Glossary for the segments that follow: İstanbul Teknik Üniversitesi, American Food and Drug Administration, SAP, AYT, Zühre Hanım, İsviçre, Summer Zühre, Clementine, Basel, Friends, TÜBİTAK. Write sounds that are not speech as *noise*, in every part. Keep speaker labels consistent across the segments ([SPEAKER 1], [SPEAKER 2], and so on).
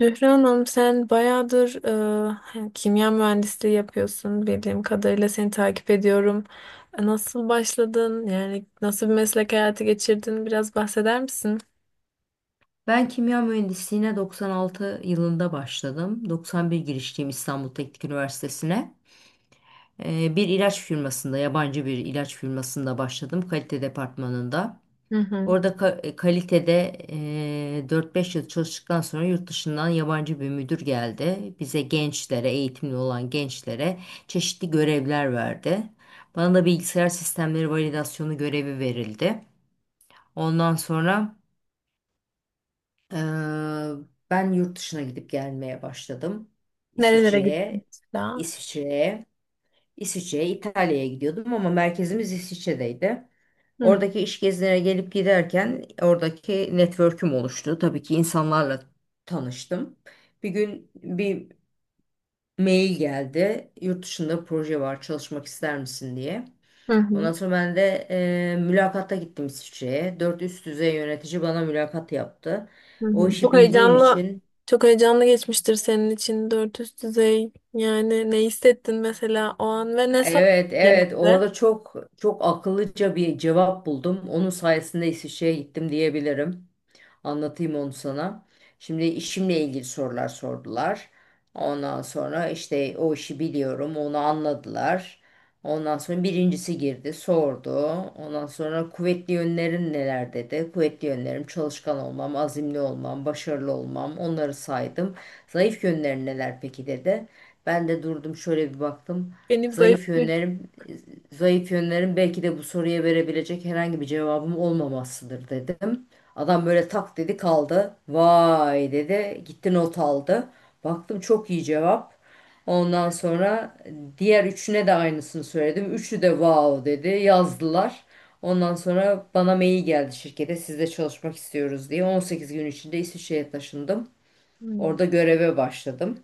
[SPEAKER 1] Zühre Hanım, sen bayağıdır kimya mühendisliği yapıyorsun, bildiğim kadarıyla seni takip ediyorum. Nasıl başladın? Yani nasıl bir meslek hayatı geçirdin? Biraz bahseder misin?
[SPEAKER 2] Ben kimya mühendisliğine 96 yılında başladım. 91 girişliyim İstanbul Teknik Üniversitesi'ne. Bir ilaç firmasında, yabancı bir ilaç firmasında başladım kalite departmanında.
[SPEAKER 1] Hı hı.
[SPEAKER 2] Orada kalitede 4-5 yıl çalıştıktan sonra yurt dışından yabancı bir müdür geldi. Bize gençlere, eğitimli olan gençlere çeşitli görevler verdi. Bana da bilgisayar sistemleri validasyonu görevi verildi. Ondan sonra Eee, ben yurt dışına gidip gelmeye başladım.
[SPEAKER 1] Nerelere gittin
[SPEAKER 2] İsviçre'ye,
[SPEAKER 1] mesela?
[SPEAKER 2] İsviçre'ye, İsviçre'ye, İtalya'ya gidiyordum ama merkezimiz İsviçre'deydi.
[SPEAKER 1] Hı
[SPEAKER 2] Oradaki iş gezilerine gelip giderken oradaki network'üm oluştu. Tabii ki insanlarla tanıştım. Bir gün bir mail geldi. Yurt dışında proje var, çalışmak ister misin diye.
[SPEAKER 1] hı
[SPEAKER 2] Ondan
[SPEAKER 1] hı.
[SPEAKER 2] sonra ben de mülakatta gittim İsviçre'ye. Dört üst düzey yönetici bana mülakat yaptı.
[SPEAKER 1] Hı.
[SPEAKER 2] O işi
[SPEAKER 1] Çok
[SPEAKER 2] bildiğim
[SPEAKER 1] heyecanlı,
[SPEAKER 2] için.
[SPEAKER 1] çok heyecanlı geçmiştir senin için, dört üst düzey. Yani ne hissettin mesela o an ve ne sor
[SPEAKER 2] Evet, evet.
[SPEAKER 1] genelde?
[SPEAKER 2] Orada çok çok akıllıca bir cevap buldum. Onun sayesinde İsviçre'ye gittim diyebilirim. Anlatayım onu sana. Şimdi işimle ilgili sorular sordular. Ondan sonra işte o işi biliyorum, onu anladılar. Ondan sonra birincisi girdi, sordu. Ondan sonra kuvvetli yönlerin neler dedi. Kuvvetli yönlerim çalışkan olmam, azimli olmam, başarılı olmam. Onları saydım. Zayıf yönlerin neler peki dedi. Ben de durdum şöyle bir baktım.
[SPEAKER 1] Benim zayıf
[SPEAKER 2] Zayıf
[SPEAKER 1] bir...
[SPEAKER 2] yönlerim, zayıf yönlerim belki de bu soruya verebilecek herhangi bir cevabım olmamasıdır dedim. Adam böyle tak dedi kaldı. Vay dedi gitti not aldı. Baktım çok iyi cevap. Ondan sonra diğer üçüne de aynısını söyledim. Üçü de wow dedi yazdılar. Ondan sonra bana mail geldi şirkete sizle çalışmak istiyoruz diye. 18 gün içinde İsviçre'ye taşındım.
[SPEAKER 1] Hı.
[SPEAKER 2] Orada göreve başladım.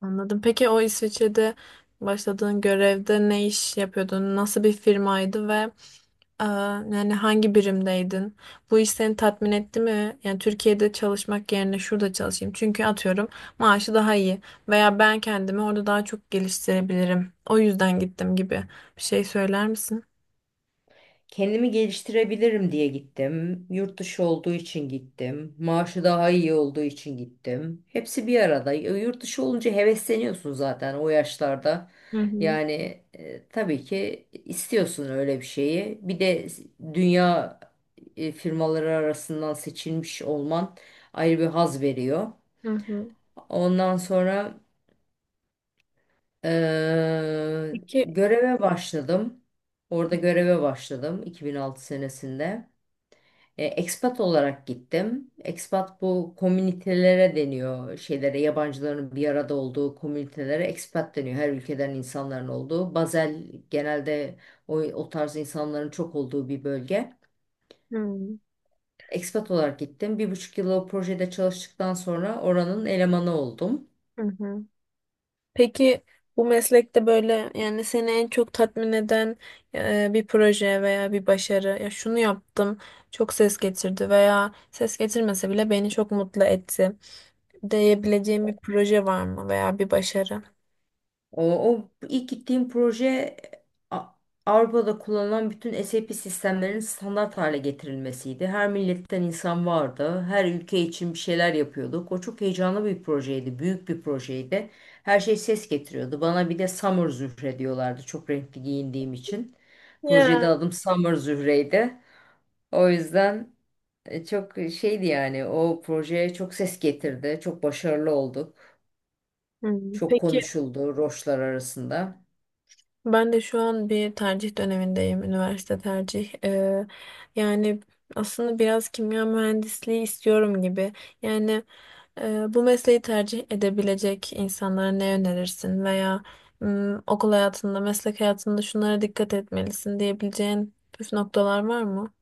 [SPEAKER 1] Anladım. Peki, o İsviçre'de başladığın görevde ne iş yapıyordun? Nasıl bir firmaydı ve e, yani hangi birimdeydin? Bu iş seni tatmin etti mi? Yani Türkiye'de çalışmak yerine şurada çalışayım, çünkü atıyorum maaşı daha iyi veya ben kendimi orada daha çok geliştirebilirim, o yüzden gittim gibi bir şey söyler misin?
[SPEAKER 2] Kendimi geliştirebilirim diye gittim. Yurt dışı olduğu için gittim. Maaşı daha iyi olduğu için gittim. Hepsi bir arada. Yurt dışı olunca hevesleniyorsun zaten o yaşlarda.
[SPEAKER 1] Hı hı.
[SPEAKER 2] Yani tabii ki istiyorsun öyle bir şeyi. Bir de dünya firmaları arasından seçilmiş olman ayrı bir haz veriyor.
[SPEAKER 1] Hı hı.
[SPEAKER 2] Ondan sonra e,
[SPEAKER 1] Peki,
[SPEAKER 2] göreve başladım. Orada göreve başladım 2006 senesinde. Expat olarak gittim. Expat bu komünitelere deniyor şeylere, yabancıların bir arada olduğu komünitelere expat deniyor. Her ülkeden insanların olduğu. Basel genelde o tarz insanların çok olduğu bir bölge.
[SPEAKER 1] hı.
[SPEAKER 2] Expat olarak gittim. Bir buçuk yıl o projede çalıştıktan sonra oranın elemanı oldum.
[SPEAKER 1] Hı. Hı. Peki bu meslekte böyle, yani seni en çok tatmin eden bir proje veya bir başarı, ya şunu yaptım çok ses getirdi veya ses getirmese bile beni çok mutlu etti diyebileceğim bir proje var mı veya bir başarı?
[SPEAKER 2] O ilk gittiğim proje A- Avrupa'da kullanılan bütün SAP sistemlerinin standart hale getirilmesiydi. Her milletten insan vardı. Her ülke için bir şeyler yapıyorduk. O çok heyecanlı bir projeydi. Büyük bir projeydi. Her şey ses getiriyordu. Bana bir de Summer Zühre diyorlardı. Çok renkli giyindiğim için.
[SPEAKER 1] Ya.
[SPEAKER 2] Projede adım Summer Zühre'ydi. O yüzden çok şeydi yani o projeye çok ses getirdi. Çok başarılı olduk.
[SPEAKER 1] Hmm.
[SPEAKER 2] Çok
[SPEAKER 1] Peki,
[SPEAKER 2] konuşuldu roşlar arasında.
[SPEAKER 1] ben de şu an bir tercih dönemindeyim, üniversite tercih. Yani aslında biraz kimya mühendisliği istiyorum gibi. Yani bu mesleği tercih edebilecek insanlara ne önerirsin veya okul hayatında, meslek hayatında şunlara dikkat etmelisin diyebileceğin püf noktalar var mı?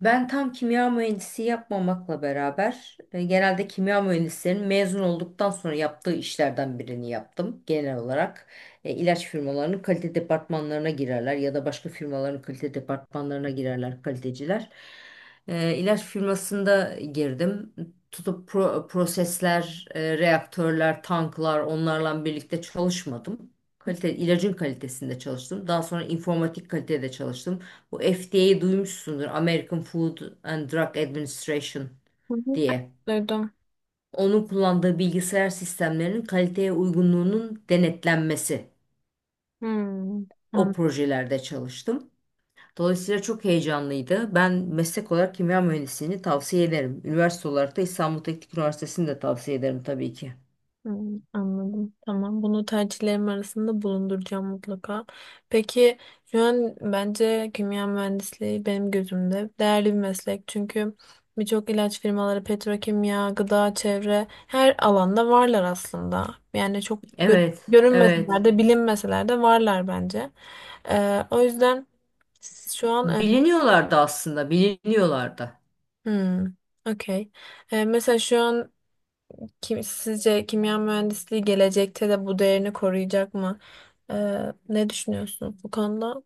[SPEAKER 2] Ben tam kimya mühendisi yapmamakla beraber genelde kimya mühendislerinin mezun olduktan sonra yaptığı işlerden birini yaptım. Genel olarak ilaç firmalarının kalite departmanlarına girerler ya da başka firmaların kalite departmanlarına girerler kaliteciler. İlaç firmasında girdim. Tutup prosesler, reaktörler, tanklar onlarla birlikte çalışmadım. Kalite, ilacın kalitesinde çalıştım. Daha sonra informatik kalitede çalıştım. Bu FDA'yı duymuşsundur. American Food and Drug Administration
[SPEAKER 1] Hı hı.
[SPEAKER 2] diye.
[SPEAKER 1] Duydum.
[SPEAKER 2] Onun kullandığı bilgisayar sistemlerinin kaliteye uygunluğunun denetlenmesi.
[SPEAKER 1] Hmm.
[SPEAKER 2] O projelerde çalıştım. Dolayısıyla çok heyecanlıydı. Ben meslek olarak kimya mühendisliğini tavsiye ederim. Üniversite olarak da İstanbul Teknik Üniversitesi'ni de tavsiye ederim tabii ki.
[SPEAKER 1] Hmm, anladım. Tamam. Bunu tercihlerim arasında bulunduracağım mutlaka. Peki, şu an bence kimya mühendisliği benim gözümde değerli bir meslek. Çünkü birçok ilaç firmaları, petrokimya, gıda, çevre, her alanda varlar aslında. Yani çok
[SPEAKER 2] Evet,
[SPEAKER 1] görünmeseler
[SPEAKER 2] evet.
[SPEAKER 1] de bilinmeseler de varlar bence. O yüzden şu an
[SPEAKER 2] Biliniyorlardı aslında, biliniyorlardı.
[SPEAKER 1] hmm, okey. Mesela şu an, sizce kimya mühendisliği gelecekte de bu değerini koruyacak mı? Ne düşünüyorsunuz bu konuda?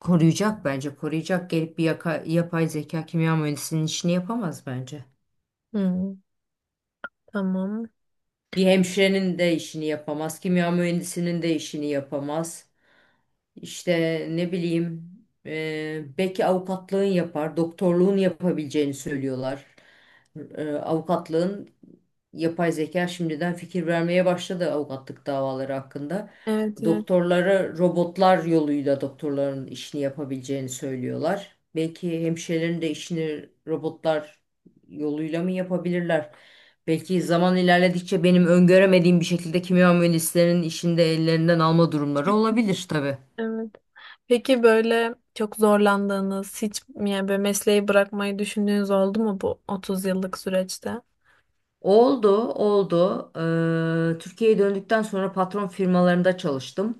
[SPEAKER 2] Koruyacak bence, koruyacak. Gelip bir yapay zeka kimya mühendisinin işini yapamaz bence.
[SPEAKER 1] Hmm, tamam.
[SPEAKER 2] Bir hemşirenin de işini yapamaz, kimya mühendisinin de işini yapamaz. İşte ne bileyim belki avukatlığın yapar, doktorluğun yapabileceğini söylüyorlar. Avukatlığın yapay zeka şimdiden fikir vermeye başladı avukatlık davaları hakkında.
[SPEAKER 1] Evet, evet.
[SPEAKER 2] Doktorlara robotlar yoluyla doktorların işini yapabileceğini söylüyorlar. Belki hemşirelerin de işini robotlar yoluyla mı yapabilirler? Belki zaman ilerledikçe benim öngöremediğim bir şekilde kimya mühendislerinin işini de ellerinden alma durumları olabilir tabii.
[SPEAKER 1] Evet. Peki, böyle çok zorlandığınız, hiç yani böyle mesleği bırakmayı düşündüğünüz oldu mu bu 30 yıllık süreçte?
[SPEAKER 2] Oldu, oldu. Türkiye'ye döndükten sonra patron firmalarında çalıştım.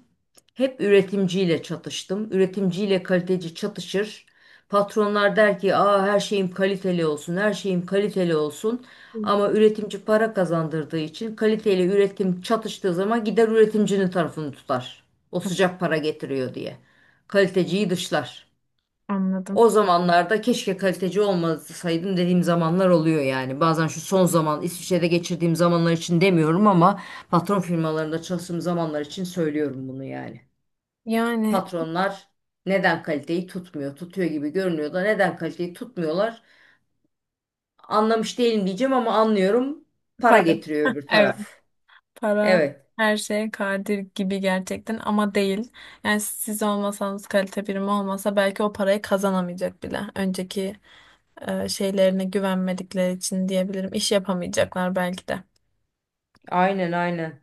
[SPEAKER 2] Hep üretimciyle çatıştım. Üretimciyle kaliteci çatışır. Patronlar der ki, "Aa her şeyim kaliteli olsun, her şeyim kaliteli olsun." Ama üretimci para kazandırdığı için kaliteyle üretim çatıştığı zaman gider üretimcinin tarafını tutar. O sıcak para getiriyor diye. Kaliteciyi dışlar.
[SPEAKER 1] Anladım.
[SPEAKER 2] O zamanlarda keşke kaliteci olmasaydım dediğim zamanlar oluyor yani. Bazen şu son zaman İsviçre'de geçirdiğim zamanlar için demiyorum ama patron firmalarında çalıştığım zamanlar için söylüyorum bunu yani.
[SPEAKER 1] Yani
[SPEAKER 2] Patronlar neden kaliteyi tutmuyor? Tutuyor gibi görünüyor da neden kaliteyi tutmuyorlar? Anlamış değilim diyeceğim ama anlıyorum. Para
[SPEAKER 1] para.
[SPEAKER 2] getiriyor öbür
[SPEAKER 1] Evet.
[SPEAKER 2] taraf.
[SPEAKER 1] Para
[SPEAKER 2] Evet.
[SPEAKER 1] her şeye kadir gibi gerçekten, ama değil. Yani siz olmasanız, kalite birimi olmasa belki o parayı kazanamayacak bile. Önceki şeylerine güvenmedikleri için diyebilirim. İş yapamayacaklar belki de.
[SPEAKER 2] Aynen aynen.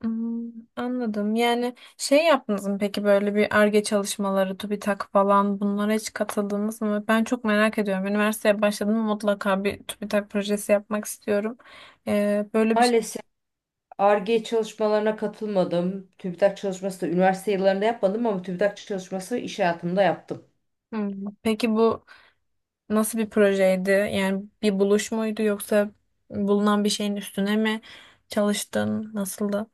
[SPEAKER 1] Hmm, anladım. Yani şey yaptınız mı peki, böyle bir Ar-Ge çalışmaları, TÜBİTAK falan, bunlara hiç katıldınız mı? Ben çok merak ediyorum. Üniversiteye başladım ama mutlaka bir TÜBİTAK projesi yapmak istiyorum. Böyle bir şey.
[SPEAKER 2] Maalesef Ar-Ge çalışmalarına katılmadım. TÜBİTAK çalışması da üniversite yıllarında yapmadım ama TÜBİTAK çalışması iş hayatımda yaptım.
[SPEAKER 1] Hmm. Peki bu, nasıl bir projeydi? Yani bir buluş muydu yoksa bulunan bir şeyin üstüne mi çalıştın? Nasıldı?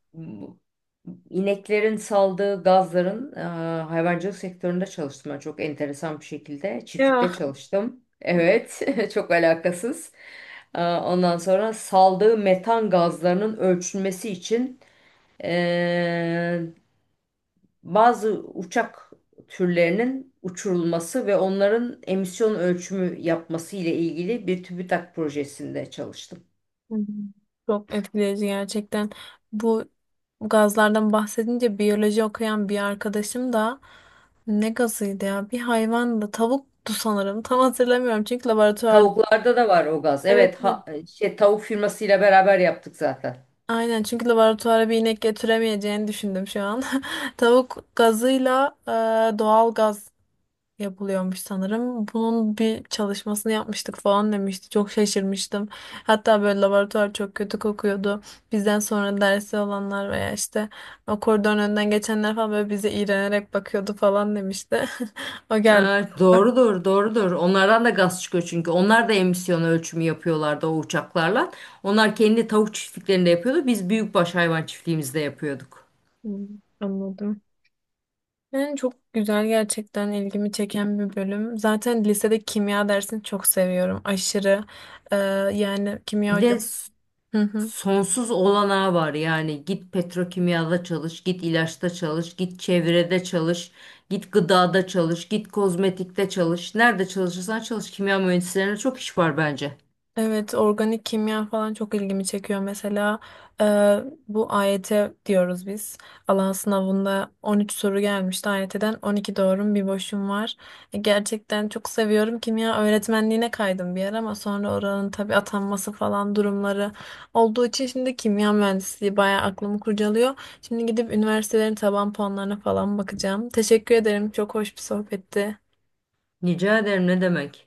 [SPEAKER 2] İneklerin saldığı gazların hayvancılık sektöründe çalıştım ben çok enteresan bir şekilde. Çiftlikte
[SPEAKER 1] Ya.
[SPEAKER 2] çalıştım. Evet, *laughs* çok alakasız. Ondan sonra saldığı metan gazlarının ölçülmesi için e, bazı uçak türlerinin uçurulması ve onların emisyon ölçümü yapması ile ilgili bir TÜBİTAK projesinde çalıştım.
[SPEAKER 1] Hı hı. Çok etkileyici gerçekten. Bu gazlardan bahsedince biyoloji okuyan bir arkadaşım da, ne gazıydı ya? Bir hayvandı. Tavuktu sanırım. *laughs* Tam hatırlamıyorum çünkü laboratuvarda.
[SPEAKER 2] Tavuklarda da var o gaz.
[SPEAKER 1] Evet,
[SPEAKER 2] Evet,
[SPEAKER 1] evet.
[SPEAKER 2] şey, tavuk firmasıyla beraber yaptık zaten.
[SPEAKER 1] Aynen, çünkü laboratuvara bir inek getiremeyeceğini düşündüm şu an. *laughs* Tavuk gazıyla doğal gaz yapılıyormuş sanırım. Bunun bir çalışmasını yapmıştık falan demişti. Çok şaşırmıştım. Hatta böyle laboratuvar çok kötü kokuyordu. Bizden sonra dersi olanlar veya işte o koridorun önünden geçenler falan böyle bize iğrenerek bakıyordu falan demişti. *laughs* O geldi.
[SPEAKER 2] Evet, doğrudur, doğrudur. Onlardan da gaz çıkıyor çünkü. Onlar da emisyon ölçümü yapıyorlardı o uçaklarla. Onlar kendi tavuk çiftliklerinde yapıyordu. Biz büyükbaş hayvan çiftliğimizde yapıyorduk.
[SPEAKER 1] Hmm, anladım. Yani çok güzel, gerçekten ilgimi çeken bir bölüm. Zaten lisede kimya dersini çok seviyorum. Aşırı. Ee, Yani kimya
[SPEAKER 2] Bir
[SPEAKER 1] hocam.
[SPEAKER 2] de
[SPEAKER 1] *laughs*
[SPEAKER 2] sonsuz olanağı var. Yani git petrokimyada çalış, git ilaçta çalış, git çevrede çalış, git gıdada çalış, git kozmetikte çalış. Nerede çalışırsan çalış. Kimya mühendislerine çok iş var bence.
[SPEAKER 1] Evet, organik kimya falan çok ilgimi çekiyor. Mesela e, bu AYT diyoruz biz. Alan sınavında 13 soru gelmişti. AYT'den 12 doğrum bir boşum var. Gerçekten çok seviyorum. Kimya öğretmenliğine kaydım bir yer ama sonra oranın tabii atanması falan durumları olduğu için şimdi kimya mühendisliği bayağı aklımı kurcalıyor. Şimdi gidip üniversitelerin taban puanlarına falan bakacağım. Teşekkür ederim. Çok hoş bir sohbetti.
[SPEAKER 2] Rica ederim ne demek.